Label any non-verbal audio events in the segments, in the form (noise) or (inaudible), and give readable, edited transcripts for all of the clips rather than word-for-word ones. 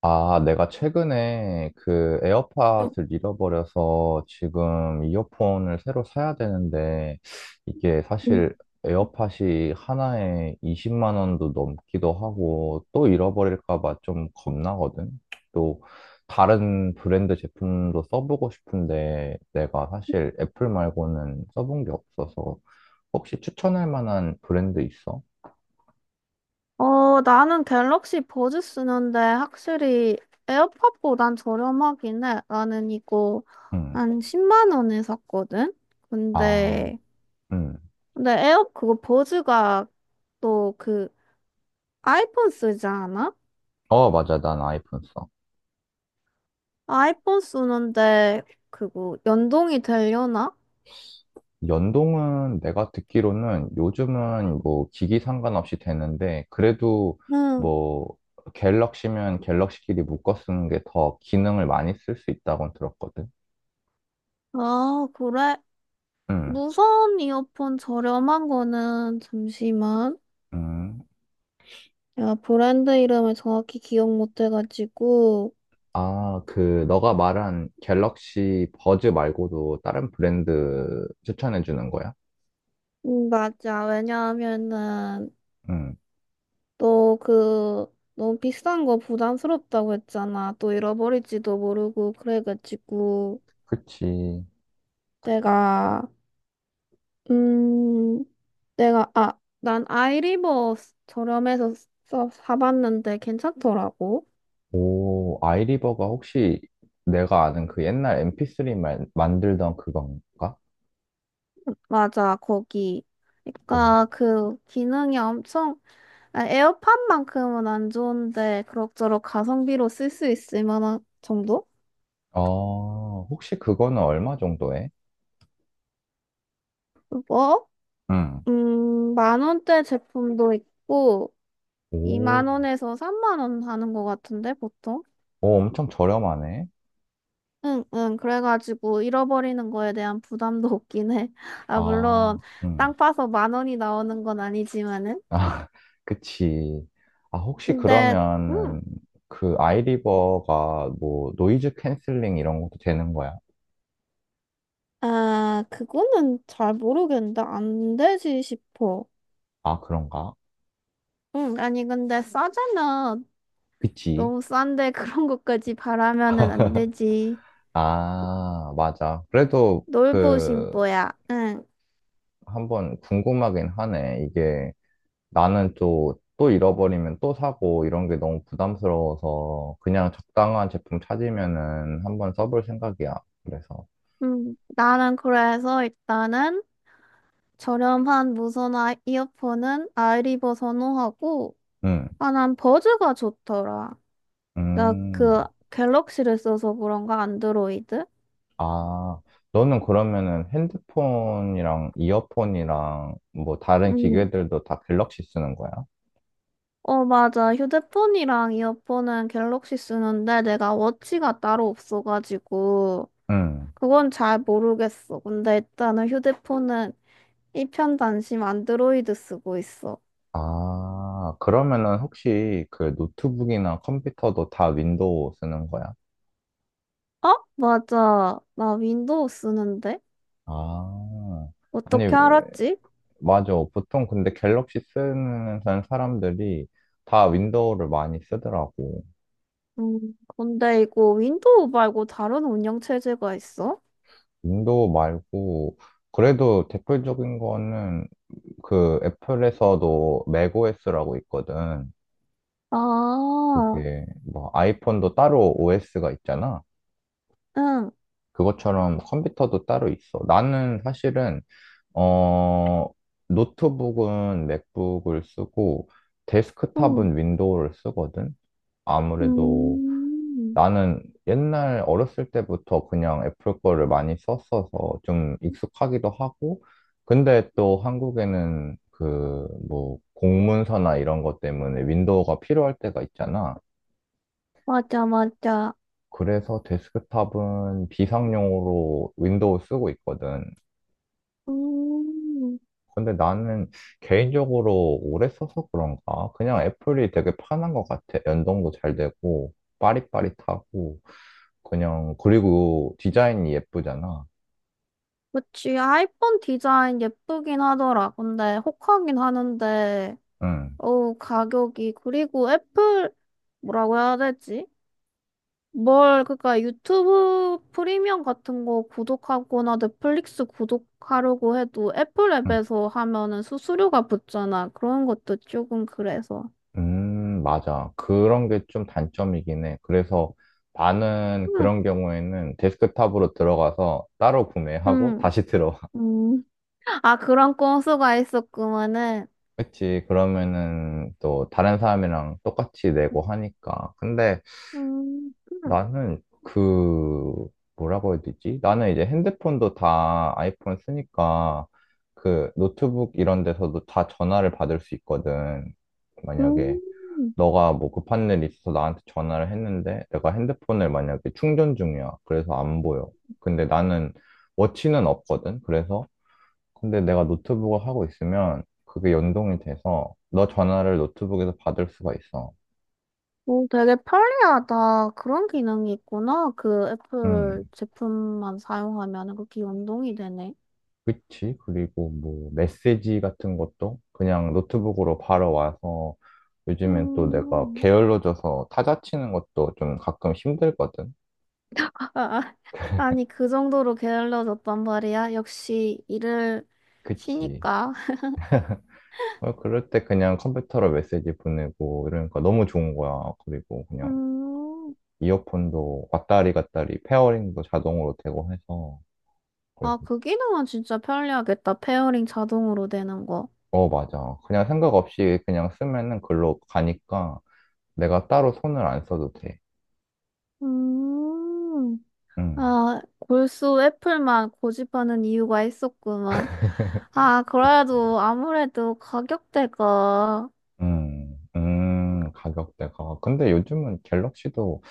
아, 내가 최근에 그 에어팟을 잃어버려서 지금 이어폰을 새로 사야 되는데 이게 음. 사실 에어팟이 하나에 20만 원도 넘기도 하고 또 잃어버릴까 봐 좀 겁나거든. 또 다른 브랜드 제품도 써보고 싶은데 내가 사실 애플 말고는 써본 게 없어서 혹시 추천할 만한 브랜드 있어? 어, 나는 갤럭시 버즈 쓰는데 확실히 에어팟보단 저렴하긴 해. 나는 이거 응. 한 10만 원에 샀거든? 아, 근데, 응. 근데, 그거 버즈가 또 그 아이폰 쓰지 않아? 어, 맞아. 난 아이폰 써. 아이폰 쓰는데 그거 연동이 되려나? 연동은 내가 듣기로는 요즘은 뭐 기기 상관없이 되는데 그래도 응. 뭐 갤럭시면 갤럭시끼리 묶어 쓰는 게 더 기능을 많이 쓸 수 있다고 들었거든. 아, 그래. 음, 무선 이어폰 저렴한 거는 잠시만. 음. 내가 브랜드 이름을 정확히 기억 못 해가지고. 아, 그 너가 말한 갤럭시 버즈 말고도 다른 브랜드 추천해 주는 거야? 맞아. 왜냐하면은 음, 또 그 너무 비싼 거 부담스럽다고 했잖아. 또 잃어버릴지도 모르고 그래가지고 그치. 내가 음 내가 아 난 아이리버 저렴해서 사봤는데 괜찮더라고. 오, 아이리버가 혹시 내가 아는 그 옛날 MP3 만들던 그건가? 맞아, 거기. 그러니까 그 기능이 엄청. 아, 에어팟만큼은 안 좋은데 그럭저럭 가성비로 쓸 수 있을 만한 정도? 혹시 그거는 얼마 정도 해? 뭐? 응. 만 원대 제품도 있고, 오, 2만 원에서 3만 원 하는 것 같은데, 보통? 오, 엄청 저렴하네. 응, 응, 그래가지고 잃어버리는 거에 대한 부담도 (laughs) 없긴 해. 아, 물론, 아, 응. 땅 파서 만 원이 나오는 건 아니지만은. 아, (laughs) 그치. 아, 혹시 근데, 음, 그러면은 그 아이리버가 뭐 노이즈 캔슬링 이런 것도 되는 거야? 아, 그거는 잘 모르겠는데, 안 되지 싶어. 아, 그런가? 응, 아니, 근데 싸잖아. 그치. 너무 싼데 (laughs) 그런 것까지 바라면은 안 되지. 아, 맞아. 그래도 놀부 그 심보야. 응. 한번 궁금하긴 하네. 이게 나는 또 잃어버리면 또 사고 이런 게 너무 부담스러워서 그냥 적당한 제품 찾으면은 한번 써볼 생각이야. 그래서, 나는 그래서 일단은 저렴한 무선 이어폰은 아이리버 선호하고, 음, 아, 난 버즈가 좋더라. 나 음, 그 갤럭시를 써서 그런가, 안드로이드? 아, 너는 그러면은 핸드폰이랑 이어폰이랑 뭐 다른 음, 기계들도 다 갤럭시 쓰는 거야? 어, 맞아. 휴대폰이랑 이어폰은 갤럭시 쓰는데 내가 워치가 따로 없어가지고, 음, 그건 잘 모르겠어. 근데 일단은 휴대폰은 이편단심 안드로이드 쓰고 있어. 아, 그러면은 혹시 그 노트북이나 컴퓨터도 다 윈도우 쓰는 거야? 어? 맞아. 나 윈도우 쓰는데? 아, 아니, 어떻게 알았지? 맞아. 보통 근데 갤럭시 쓰는 사람들이 다 윈도우를 많이 쓰더라고. 근데 이거 윈도우 말고 다른 운영 체제가 있어? 윈도우 말고, 그래도 대표적인 거는 그 애플에서도 맥OS라고 있거든. 아, 그게 뭐 아이폰도 따로 OS가 있잖아. 응, 그것처럼 컴퓨터도 따로 있어. 나는 사실은, 어, 노트북은 맥북을 쓰고, 응, 데스크탑은 윈도우를 쓰거든. 아무래도 음, 나는 옛날 어렸을 때부터 그냥 애플 거를 많이 썼어서 좀 익숙하기도 하고, 근데 또 한국에는 그 뭐 공문서나 이런 것 때문에 윈도우가 필요할 때가 있잖아. 맞아, 맞아. 그래서 데스크탑은 비상용으로 윈도우 쓰고 있거든. 음, 근데 나는 개인적으로 오래 써서 그런가? 그냥 애플이 되게 편한 것 같아. 연동도 잘 되고, 빠릿빠릿하고, 그냥, 그리고 디자인이 예쁘잖아. 그치. 아이폰 디자인 예쁘긴 하더라. 근데 혹하긴 하는데, 응. 어우, 가격이. 그리고 애플, 뭐라고 해야 되지? 뭘, 그니까 유튜브 프리미엄 같은 거 구독하거나 넷플릭스 구독하려고 해도 애플 음, 앱에서 하면은 수수료가 붙잖아. 그런 것도 조금 그래서. 맞아. 그런 게 좀 단점이긴 해. 그래서 나는 응, 그런 경우에는 데스크탑으로 들어가서 따로 구매하고 응, 다시 들어와. (laughs) 응. 아, 그런 꼼수가 있었구만은. 그치. 그러면은 또 다른 사람이랑 똑같이 내고 하니까. 근데 응 나는 그, 뭐라고 해야 되지? 나는 이제 핸드폰도 다 아이폰 쓰니까 그 노트북 이런 데서도 다 전화를 받을 수 있거든. 만약에. 음. 너가 뭐 급한 일 있어서 나한테 전화를 했는데 내가 핸드폰을 만약에 충전 중이야. 그래서 안 보여. 근데 나는 워치는 없거든. 그래서 근데 내가 노트북을 하고 있으면 그게 연동이 돼서 너 전화를 노트북에서 받을 수가 있어. 오, 되게 편리하다. 그런 기능이 있구나. 그 애플 음, 제품만 사용하면은 그게 연동이 되네. 그치. 그리고 뭐 메시지 같은 것도 그냥 노트북으로 바로 와서 요즘엔 또 내가 음. 게을러져서 타자 치는 것도 좀 가끔 힘들거든. 아, 아. 아니, 그 정도로 게을러졌단 말이야. 역시 일을 그치. 쉬니까. 어, 그럴 때 그냥 컴퓨터로 메시지 보내고 이러니까 너무 좋은 거야. 그리고 그냥 음, 이어폰도 왔다리 갔다리 페어링도 자동으로 되고 해서 그래서 아, 그 기능은 진짜 편리하겠다. 페어링 자동으로 되는 거. 어, 맞아. 그냥 생각 없이 그냥 쓰면은 글로 가니까 내가 따로 손을 안 써도 돼. 음, 음. 아, 골수 애플만 고집하는 이유가 있었구만. (laughs) 아, 그래도 아무래도 가격대가, 가격대가. 근데 요즘은 갤럭시도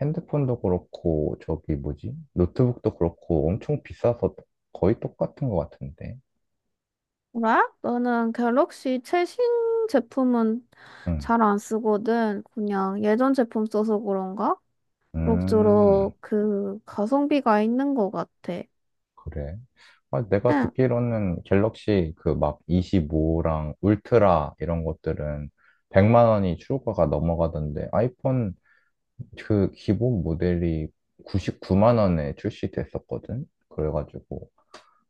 핸드폰도 그렇고, 저기 뭐지? 노트북도 그렇고 엄청 비싸서 거의 똑같은 것 같은데. 뭐라? 나는 갤럭시 최신 제품은 음, 잘 안 쓰거든. 그냥 예전 제품 써서 그런가? 음. 그럭저럭 그 가성비가 있는 것 같아. 그래. 아, 내가 응. 듣기로는 갤럭시 그 막 25랑 울트라 이런 것들은 100만 원이 출고가 넘어가던데 아이폰 그 기본 모델이 99만 원에 출시됐었거든. 그래가지고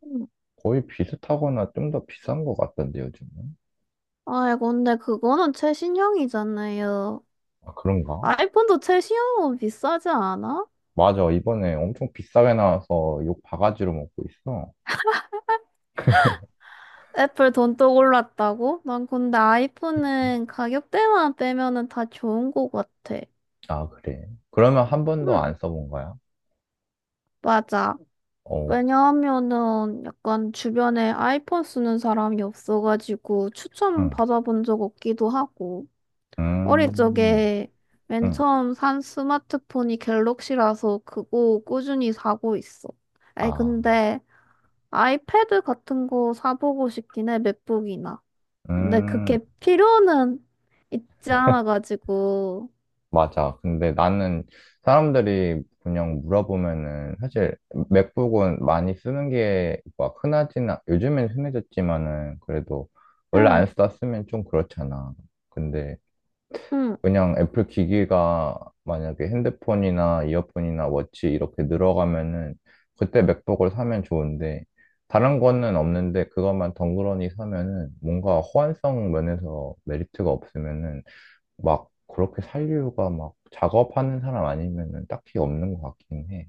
음. 거의 비슷하거나 좀 더 비싼 것 같던데 요즘은. 아이, 근데 그거는 최신형이잖아요. 아, 그런가? 아이폰도 최신형은 비싸지 않아? 맞아. 이번에 엄청 비싸게 나와서 욕 바가지로 먹고 있어. 애플 돈또 올랐다고? 난 근데 그치. 아이폰은 가격대만 빼면은 다 좋은 것 같아. 아, 그래. 그러면 한 번도 안 응, 써본 거야? 맞아. 어, 왜냐하면은 약간 주변에 아이폰 쓰는 사람이 없어가지고 추천 응, 받아본 적 없기도 하고. 어릴 음, 적에 맨 응. 처음 산 스마트폰이 갤럭시라서 그거 꾸준히 사고 있어. 아니, 아. 근데 아이패드 같은 거 사보고 싶긴 해, 맥북이나. 근데 음, 그게 필요는 있지 않아가지고. 맞아. 근데 나는 사람들이 그냥 물어보면은 사실 맥북은 많이 쓰는 게 막 흔하지는, 요즘엔 흔해졌지만은 그래도 원래 안 응, 썼으면 좀 그렇잖아. 근데 응. 그냥 애플 기기가 만약에 핸드폰이나 이어폰이나 워치 이렇게 늘어가면은 그때 맥북을 사면 좋은데 다른 거는 없는데 그것만 덩그러니 사면은 뭔가 호환성 면에서 메리트가 없으면은 막 그렇게 살 이유가 막 작업하는 사람 아니면은 딱히 없는 것 같긴 해.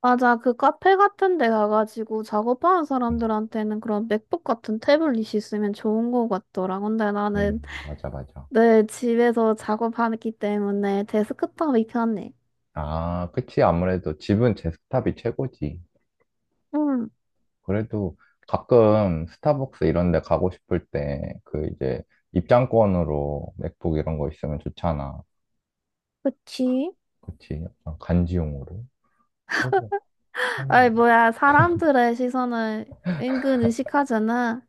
맞아. 그 카페 같은 데 가가지고 작업하는 음, 사람들한테는 그런 맥북 같은 태블릿이 있으면 좋은 거 같더라. 근데 나는 맞아, 맞아. 늘 집에서 작업하기 때문에 데스크탑이 편해. 아, 그치. 아무래도 집은 제 스탑이 최고지. 응. 그래도 가끔 스타벅스 이런 데 가고 싶을 때 그 이제 입장권으로 맥북 이런 거 있으면 좋잖아. 그치? 그치. 약간 간지용으로. 그래. 아이, 뭐야, 사람들의 시선을 은근 의식하잖아.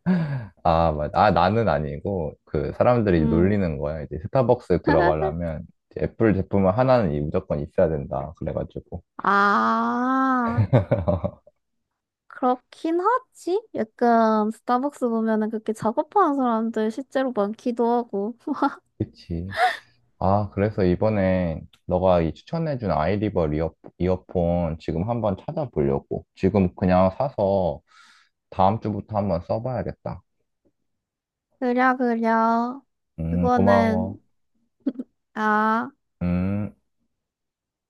아, 맞아. 아, 나는 아니고, 그, 사람들이 음. 놀리는 거야. 이제 스타벅스 (laughs) 들어가려면, 이제 애플 제품은 하나는 이 무조건 있어야 된다. 그래가지고. 아, (laughs) 그렇긴 하지. 약간 스타벅스 보면은 그렇게 작업하는 사람들 실제로 많기도 하고. (laughs) 그치. 아, 그래서 이번에 너가 이 추천해준 아이리버 이어폰 지금 한번 찾아보려고. 지금 그냥 사서 다음 주부터 한번 써봐야겠다. 그려, 그려. 고마워. 그거는, 아. 음.